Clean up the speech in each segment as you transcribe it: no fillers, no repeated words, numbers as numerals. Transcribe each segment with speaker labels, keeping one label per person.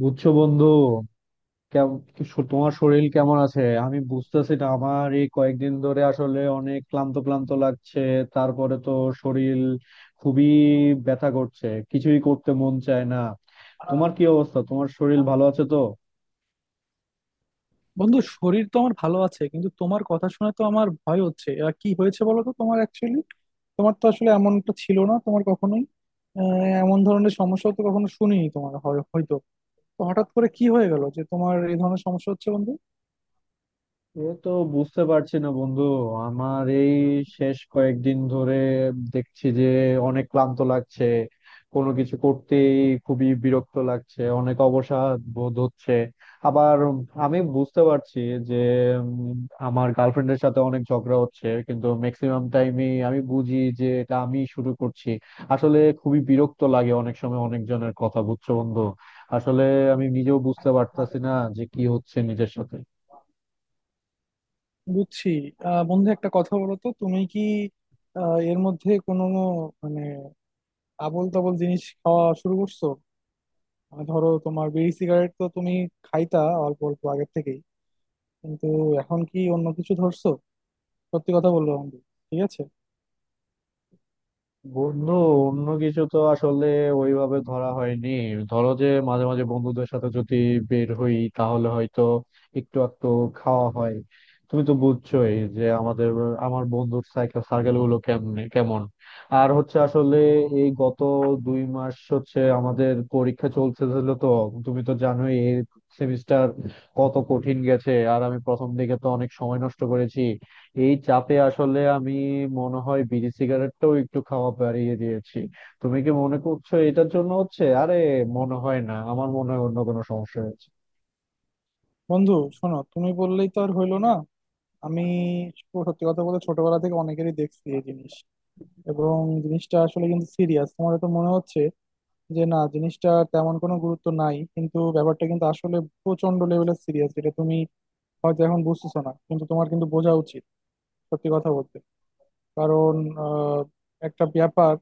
Speaker 1: বুঝছো, বন্ধু? তোমার শরীর কেমন আছে? আমি বুঝতেছি না, আমার এই কয়েকদিন ধরে আসলে অনেক ক্লান্ত ক্লান্ত লাগছে। তারপরে তো শরীর খুবই ব্যথা করছে, কিছুই করতে মন চায় না। তোমার কি অবস্থা? তোমার শরীর ভালো আছে তো?
Speaker 2: বন্ধু, শরীর তো আমার ভালো আছে, কিন্তু তোমার কথা শুনে তো আমার ভয় হচ্ছে। কি হয়েছে বলো তো তোমার, অ্যাকচুয়ালি তোমার তো আসলে এমনটা ছিল না তোমার কখনোই। আহ, এমন ধরনের সমস্যা তো কখনো শুনিনি তোমার, হয়তো। তো হঠাৎ করে কি হয়ে গেল যে তোমার এই ধরনের সমস্যা হচ্ছে বন্ধু?
Speaker 1: এ তো বুঝতে পারছি না বন্ধু। আমার এই শেষ কয়েকদিন ধরে দেখছি যে অনেক ক্লান্ত লাগছে। কোনো কিছু করতেই খুবই বিরক্ত লাগছে, অনেক অবসাদ বোধ হচ্ছে। আবার আমি বুঝতে পারছি যে উম, আমার গার্লফ্রেন্ডের সাথে অনেক ঝগড়া হচ্ছে, কিন্তু ম্যাক্সিমাম টাইমে আমি বুঝি যে এটা আমি শুরু করছি। আসলে খুবই বিরক্ত লাগে অনেক সময় অনেকজনের কথা, বুঝছো বন্ধু? আসলে আমি নিজেও বুঝতে পারতাছি না যে কি হচ্ছে নিজের সাথে।
Speaker 2: বুঝছি। বন্ধু একটা কথা বলো তো, তুমি কি এর মধ্যে কোনো মানে আবোল তাবোল জিনিস খাওয়া শুরু করছো? মানে ধরো, তোমার বিড়ি সিগারেট তো তুমি খাইতা অল্প অল্প আগের থেকে, কিন্তু এখন কি অন্য কিছু ধরছো? সত্যি কথা বললো বন্ধু। ঠিক আছে।
Speaker 1: বন্ধু, অন্য কিছু তো আসলে ওইভাবে ধরা হয়নি। ধরো, যে মাঝে মাঝে বন্ধুদের সাথে যদি বের হই, তাহলে হয়তো একটু একটু খাওয়া হয়। তুমি তো বুঝছোই যে আমার বন্ধুর সার্কেল গুলো কেমনে কেমন। আর হচ্ছে আসলে, এই গত 2 মাস হচ্ছে আমাদের পরীক্ষা চলতেছিল তো। তুমি তো জানোই এই সেমিস্টার কত কঠিন গেছে, আর আমি প্রথম দিকে তো অনেক সময় নষ্ট করেছি। এই চাপে আসলে আমি মনে হয় বিড়ি সিগারেটটাও একটু খাওয়া বাড়িয়ে দিয়েছি। তুমি কি মনে করছো এটার জন্য হচ্ছে? আরে মনে হয় না, আমার মনে হয় অন্য কোনো সমস্যা হয়েছে।
Speaker 2: বন্ধু শোনো, তুমি বললেই তো আর হইলো না। আমি সত্যি কথা বলতে ছোটবেলা থেকে অনেকেরই দেখছি এই জিনিস, এবং জিনিসটা আসলে কিন্তু সিরিয়াস। তোমার তো মনে হচ্ছে যে না, জিনিসটা তেমন কোনো গুরুত্ব নাই, কিন্তু ব্যাপারটা কিন্তু আসলে প্রচন্ড লেভেলের সিরিয়াস, যেটা তুমি হয়তো এখন বুঝতেছো না, কিন্তু তোমার কিন্তু বোঝা উচিত সত্যি কথা বলতে। কারণ আহ, একটা ব্যাপার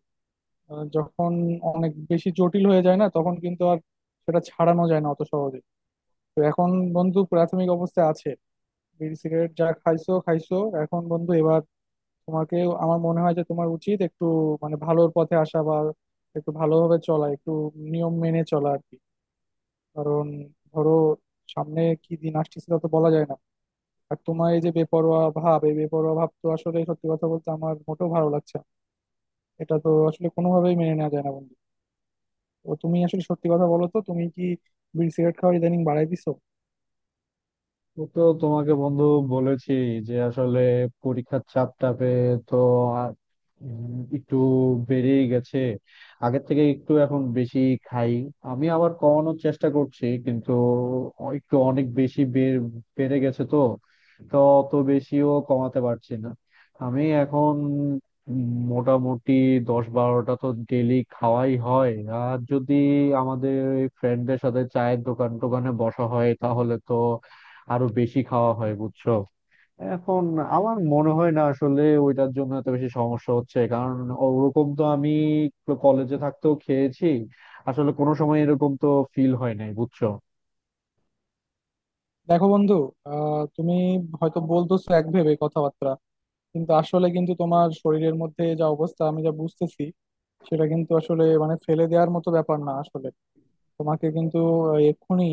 Speaker 2: যখন অনেক বেশি জটিল হয়ে যায় না, তখন কিন্তু আর সেটা ছাড়ানো যায় না অত সহজে। তো এখন বন্ধু প্রাথমিক অবস্থায় আছে, বিড়ি সিগারেট যা খাইছো খাইছো, এখন বন্ধু এবার তোমাকে আমার মনে হয় যে তোমার উচিত একটু মানে ভালোর পথে আসা, বা একটু ভালোভাবে চলা, একটু নিয়ম মেনে চলা আর কি। কারণ ধরো, সামনে কি দিন আসতেছে তা তো বলা যায় না। আর তোমার এই যে বেপরোয়া ভাব, এই বেপরোয়া ভাব তো আসলে সত্যি কথা বলতে আমার মোটেও ভালো লাগছে না। এটা তো আসলে কোনোভাবেই মেনে নেওয়া যায় না বন্ধু। তো তুমি আসলে সত্যি কথা বলো তো, তুমি কি বিড়ি সিগারেট খাওয়া ইদানিং বাড়াই দিছো?
Speaker 1: ও তো তোমাকে বন্ধু বলেছি যে আসলে পরীক্ষার চাপটা পেয়ে তো আর একটু বেড়েই গেছে। আগের থেকে একটু এখন বেশি খাই। আমি আবার কমানোর চেষ্টা করছি, কিন্তু একটু অনেক বেশি বেড়ে গেছে তো। তো অত বেশিও কমাতে পারছি না। আমি এখন মোটামুটি 10-12টা তো ডেলি খাওয়াই হয়। আর যদি আমাদের ফ্রেন্ডদের সাথে চায়ের দোকান টোকানে বসা হয়, তাহলে তো আরো বেশি খাওয়া হয়, বুঝছো? এখন আমার মনে হয় না আসলে ওইটার জন্য এত বেশি সমস্যা হচ্ছে, কারণ ওরকম তো আমি কলেজে থাকতেও খেয়েছি। আসলে কোনো সময় এরকম তো ফিল হয় নাই, বুঝছো?
Speaker 2: দেখো বন্ধু, তুমি হয়তো বলতেছো এক ভেবে কথাবার্তা, কিন্তু আসলে কিন্তু তোমার শরীরের মধ্যে যা অবস্থা আমি যা বুঝতেছি, সেটা কিন্তু আসলে মানে ফেলে দেওয়ার মতো ব্যাপার না আসলে। তোমাকে কিন্তু এক্ষুনি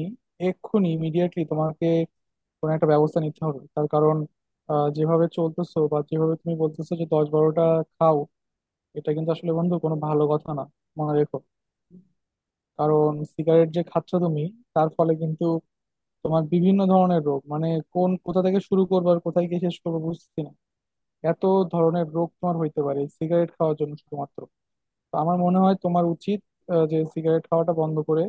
Speaker 2: এক্ষুনি ইমিডিয়েটলি তোমাকে কোনো একটা ব্যবস্থা নিতে হবে। তার কারণ যেভাবে চলতেছো বা যেভাবে তুমি বলতেছো যে 10-12টা খাও, এটা কিন্তু আসলে বন্ধু কোনো ভালো কথা না, মনে রেখো। কারণ সিগারেট যে খাচ্ছ তুমি, তার ফলে কিন্তু তোমার বিভিন্ন ধরনের রোগ মানে কোন কোথা থেকে শুরু করবো আর কোথায় গিয়ে শেষ করবো বুঝছি না। এত ধরনের রোগ তোমার হইতে পারে সিগারেট খাওয়ার জন্য শুধুমাত্র। তো আমার মনে হয় তোমার উচিত যে সিগারেট খাওয়াটা বন্ধ করে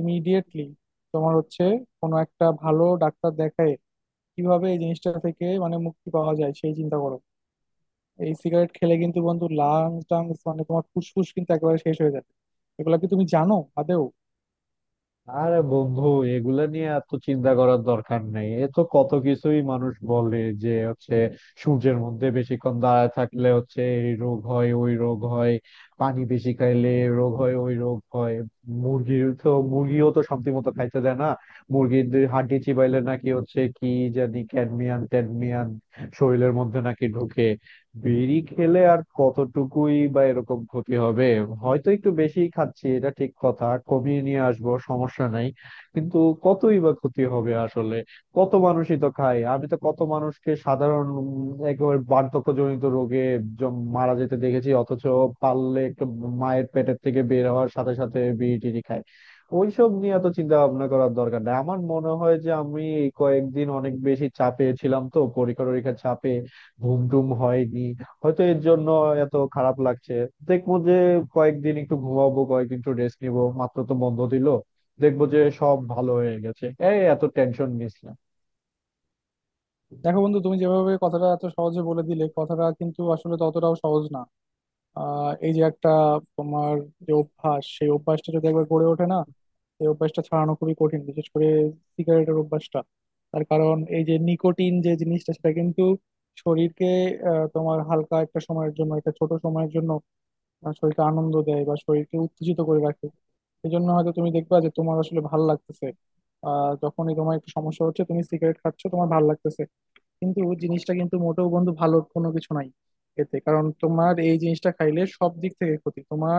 Speaker 2: ইমিডিয়েটলি তোমার হচ্ছে কোনো একটা ভালো ডাক্তার দেখায় কিভাবে এই জিনিসটা থেকে মানে মুক্তি পাওয়া যায় সেই চিন্তা করো। এই সিগারেট খেলে কিন্তু বন্ধু লাংস টাংস মানে তোমার ফুসফুস কিন্তু একেবারে শেষ হয়ে যাবে। এগুলা কি তুমি জানো আদেও?
Speaker 1: আরে বন্ধু, এগুলা নিয়ে এত চিন্তা করার দরকার নেই। এ তো কত কিছুই মানুষ বলে, যে হচ্ছে সূর্যের মধ্যে বেশিক্ষণ দাঁড়ায় থাকলে হচ্ছে এই রোগ হয় ওই রোগ হয়। পানি বেশি খাইলে এ রোগ হয় ওই রোগ হয়। মুরগির তো, মুরগিও তো শান্তি মতো খাইতে দেয় না। মুরগির দুই হাড্ডি চিবাইলে নাকি হচ্ছে কি জানি ক্যাডমিয়ান ট্যাডমিয়ান শরীরের মধ্যে নাকি ঢুকে। বিড়ি খেলে আর কতটুকুই বা এরকম ক্ষতি হবে? হয়তো একটু বেশি খাচ্ছি, এটা ঠিক কথা, কমিয়ে নিয়ে আসবো, সমস্যা নাই। কিন্তু কতই বা ক্ষতি হবে আসলে? কত মানুষই তো খায়। আমি তো কত মানুষকে সাধারণ, একেবারে বার্ধক্যজনিত রোগে মারা যেতে দেখেছি, অথচ পারলে একটু মায়ের পেটের থেকে বের হওয়ার সাথে সাথে বিড়ি টিড়ি খায়। ওইসব নিয়ে এত চিন্তা ভাবনা করার দরকার নাই। আমার মনে হয় যে আমি এই কয়েকদিন অনেক বেশি চাপে ছিলাম তো, পরীক্ষা টরীক্ষার চাপে। ঘুম টুম হয়নি, হয়তো এর জন্য এত খারাপ লাগছে। দেখবো যে কয়েকদিন একটু ঘুমাবো, কয়েকদিন একটু রেস্ট নিবো, মাত্র তো বন্ধ দিল। দেখবো যে সব ভালো হয়ে গেছে। এই, এত টেনশন নিস
Speaker 2: দেখো বন্ধু, তুমি যেভাবে কথাটা এত সহজে বলে দিলে কথাটা কিন্তু আসলে ততটাও সহজ না। এই যে একটা তোমার যে অভ্যাস, সেই অভ্যাসটা যদি একবার গড়ে ওঠে না, এই অভ্যাসটা ছাড়ানো খুবই কঠিন, বিশেষ করে সিগারেটের অভ্যাসটা। তার কারণ এই যে নিকোটিন যে জিনিসটা, সেটা কিন্তু শরীরকে তোমার হালকা একটা সময়ের জন্য একটা ছোট সময়ের জন্য শরীরকে আনন্দ দেয় বা শরীরকে উত্তেজিত করে রাখে। এই জন্য হয়তো তুমি দেখবা যে তোমার আসলে ভাল লাগতেছে। যখনই তোমার একটু সমস্যা হচ্ছে তুমি সিগারেট খাচ্ছ তোমার ভাল লাগতেছে, কিন্তু জিনিসটা কিন্তু মোটেও বন্ধু ভালো কোনো কিছু নাই এতে। কারণ তোমার এই জিনিসটা খাইলে সব দিক থেকে ক্ষতি তোমার,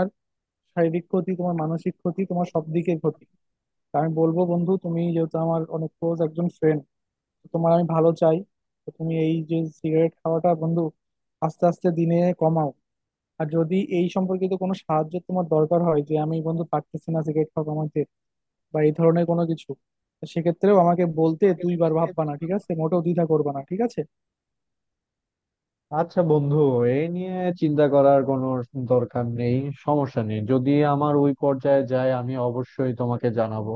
Speaker 2: শারীরিক ক্ষতি তোমার, মানসিক ক্ষতি, তোমার সব দিকের ক্ষতি। তা আমি বলবো বন্ধু, তুমি যেহেতু আমার অনেক ক্লোজ একজন ফ্রেন্ড, তোমার আমি ভালো চাই। তো তুমি এই যে সিগারেট খাওয়াটা বন্ধু আস্তে আস্তে দিনে কমাও। আর যদি এই সম্পর্কিত কোনো সাহায্য তোমার দরকার হয়, যে আমি বন্ধু পারতেছি না সিগারেট খাওয়া কমাইতে বা এই ধরনের কোনো কিছু, তো সেক্ষেত্রেও আমাকে বলতে দুইবার ভাববা না,
Speaker 1: না।
Speaker 2: ঠিক আছে? মোটেও দ্বিধা করবা না, ঠিক আছে?
Speaker 1: আচ্ছা বন্ধু, এই নিয়ে চিন্তা করার কোনো দরকার নেই। সমস্যা নেই, যদি আমার ওই পর্যায়ে যায় আমি অবশ্যই তোমাকে জানাবো।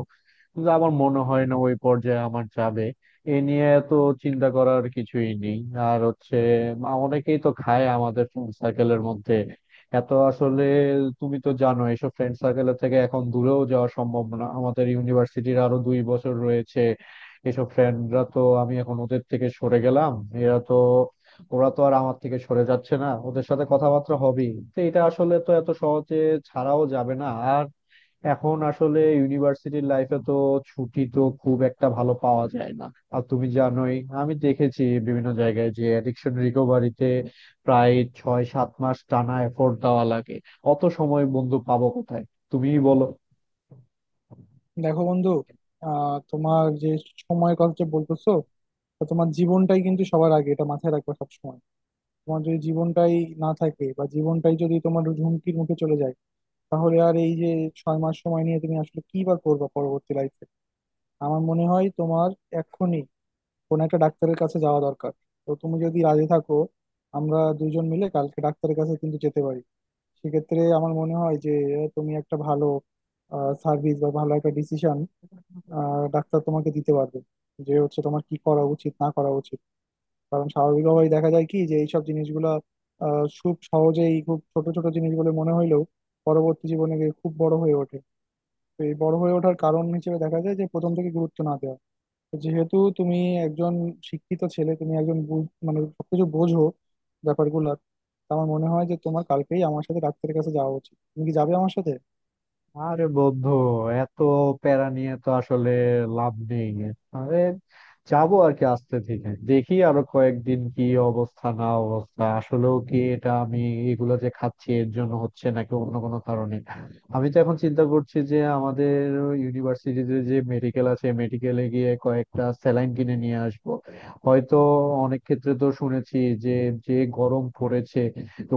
Speaker 1: কিন্তু আমার মনে হয় না ওই পর্যায়ে আমার যাবে। এ নিয়ে তো চিন্তা করার কিছুই নেই। আর হচ্ছে, অনেকেই তো খায় আমাদের ফ্রেন্ড সার্কেলের মধ্যে। এত আসলে, তুমি তো জানো এইসব ফ্রেন্ড সার্কেলের থেকে এখন দূরেও যাওয়া সম্ভব না, আমাদের ইউনিভার্সিটির আরো 2 বছর রয়েছে। এসব ফ্রেন্ডরা তো, আমি এখন ওদের থেকে সরে গেলাম, এরা তো, ওরা তো আর আমার থেকে সরে যাচ্ছে না, ওদের সাথে কথাবার্তা হবেই তো, এটা আসলে তো এত সহজে ছাড়াও যাবে না। আর এখন আসলে ইউনিভার্সিটির লাইফে তো ছুটি তো খুব একটা ভালো পাওয়া যায় না। আর তুমি জানোই, আমি দেখেছি বিভিন্ন জায়গায় যে অ্যাডিকশন রিকভারিতে প্রায় 6-7 মাস টানা এফোর্ট দেওয়া লাগে। অত সময় বন্ধু পাবো কোথায়? তুমিই বলো।
Speaker 2: দেখো বন্ধু, তোমার যে সময়ের কথা যে বলতেছো, তো তোমার জীবনটাই কিন্তু সবার আগে, এটা মাথায় রাখবে সবসময়। তোমার যদি জীবনটাই না থাকে বা জীবনটাই যদি তোমার হুমকির মুখে চলে যায়, তাহলে আর এই যে 6 মাস সময় নিয়ে তুমি আসলে কি বা করবা পরবর্তী লাইফে? আমার মনে হয় তোমার এক্ষুনি কোনো একটা ডাক্তারের কাছে যাওয়া দরকার। তো তুমি যদি রাজি থাকো, আমরা দুজন মিলে কালকে ডাক্তারের কাছে কিন্তু যেতে পারি। সেক্ষেত্রে আমার মনে হয় যে তুমি একটা ভালো সার্ভিস বা ভালো একটা ডিসিশন আর ডাক্তার তোমাকে দিতে পারবে যে হচ্ছে তোমার কি করা উচিত না করা উচিত। কারণ স্বাভাবিকভাবেই দেখা যায় কি, যে এইসব জিনিসগুলা খুব সহজেই খুব ছোট ছোট জিনিসগুলো মনে হইলেও পরবর্তী জীবনে গিয়ে খুব বড় হয়ে ওঠে। তো এই বড় হয়ে ওঠার কারণ হিসেবে দেখা যায় যে প্রথম থেকে গুরুত্ব না দেওয়া। তো যেহেতু তুমি একজন শিক্ষিত ছেলে, তুমি একজন মানে সবকিছু বোঝো, ব্যাপারগুলো। আমার মনে হয় যে তোমার কালকেই আমার সাথে ডাক্তারের কাছে যাওয়া উচিত। তুমি কি যাবে আমার সাথে?
Speaker 1: আরে বন্ধু, এত প্যারা নিয়ে তো আসলে লাভ নেই। আরে, যাবো আর কি, আস্তে ধীরে দেখি আরো কয়েকদিন কি অবস্থা না অবস্থা, আসলেও কি এটা আমি এগুলো যে খাচ্ছি এর জন্য হচ্ছে নাকি অন্য কোনো কারণে। আমি তো এখন চিন্তা করছি যে আমাদের ইউনিভার্সিটিতে যে মেডিকেল আছে, মেডিকেলে গিয়ে কয়েকটা স্যালাইন কিনে নিয়ে আসবো। হয়তো অনেক ক্ষেত্রে তো শুনেছি যে যে গরম পড়েছে,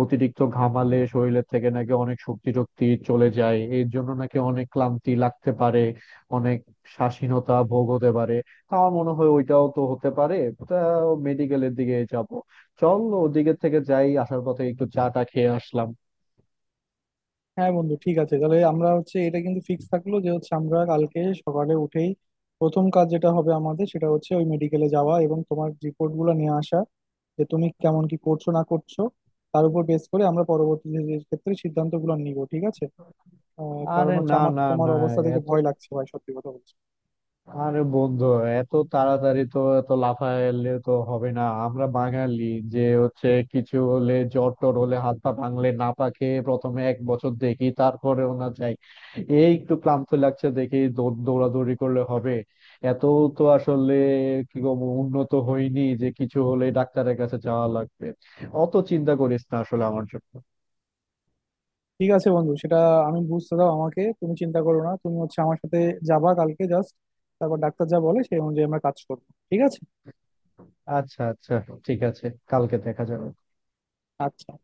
Speaker 1: অতিরিক্ত ঘামালে শরীরের থেকে নাকি অনেক শক্তি টক্তি চলে যায়, এর জন্য নাকি অনেক ক্লান্তি লাগতে পারে, অনেক স্বাধীনতা ভোগ হতে পারে। তা আমার মনে হয় ওইটাও তো হতে পারে। তা মেডিকেলের দিকে যাব, চল ওদিকের থেকে যাই, আসার পথে একটু চা টা খেয়ে আসলাম।
Speaker 2: হ্যাঁ বন্ধু ঠিক আছে, তাহলে আমরা হচ্ছে এটা কিন্তু ফিক্স থাকলো যে হচ্ছে আমরা কালকে সকালে উঠেই প্রথম কাজ যেটা হবে আমাদের সেটা হচ্ছে ওই মেডিকেলে যাওয়া এবং তোমার রিপোর্ট গুলো নিয়ে আসা যে তুমি কেমন কি করছো না করছো। তার উপর বেস করে আমরা পরবর্তী যে ক্ষেত্রে সিদ্ধান্ত গুলো নিব, ঠিক আছে? কারণ
Speaker 1: আরে,
Speaker 2: হচ্ছে
Speaker 1: না,
Speaker 2: আমার তো
Speaker 1: না,
Speaker 2: তোমার
Speaker 1: না,
Speaker 2: অবস্থা দেখে
Speaker 1: এত,
Speaker 2: ভয় লাগছে ভাই, সত্যি কথা বলছি।
Speaker 1: আরে বন্ধু, এত তাড়াতাড়ি তো, এত লাফাইলে তো হবে না, আমরা বাঙালি। যে হচ্ছে কিছু হলে, জ্বর টর হলে, হাত পা ভাঙলে না পাকে, প্রথমে 1 বছর দেখি তারপরেও না যাই। এই একটু ক্লান্ত লাগছে, দেখি দৌড়াদৌড়ি করলে হবে। এত তো আসলে কি বলবো, উন্নত হয়নি যে কিছু হলে ডাক্তারের কাছে যাওয়া লাগবে। অত চিন্তা করিস না আসলে আমার জন্য।
Speaker 2: ঠিক আছে বন্ধু, সেটা আমি বুঝতে দাও আমাকে, তুমি চিন্তা করো না, তুমি হচ্ছে আমার সাথে যাবা কালকে জাস্ট, তারপর ডাক্তার যা বলে সেই অনুযায়ী আমরা কাজ করবো, ঠিক আছে?
Speaker 1: আচ্ছা, আচ্ছা, ঠিক আছে, কালকে দেখা যাবে।
Speaker 2: আচ্ছা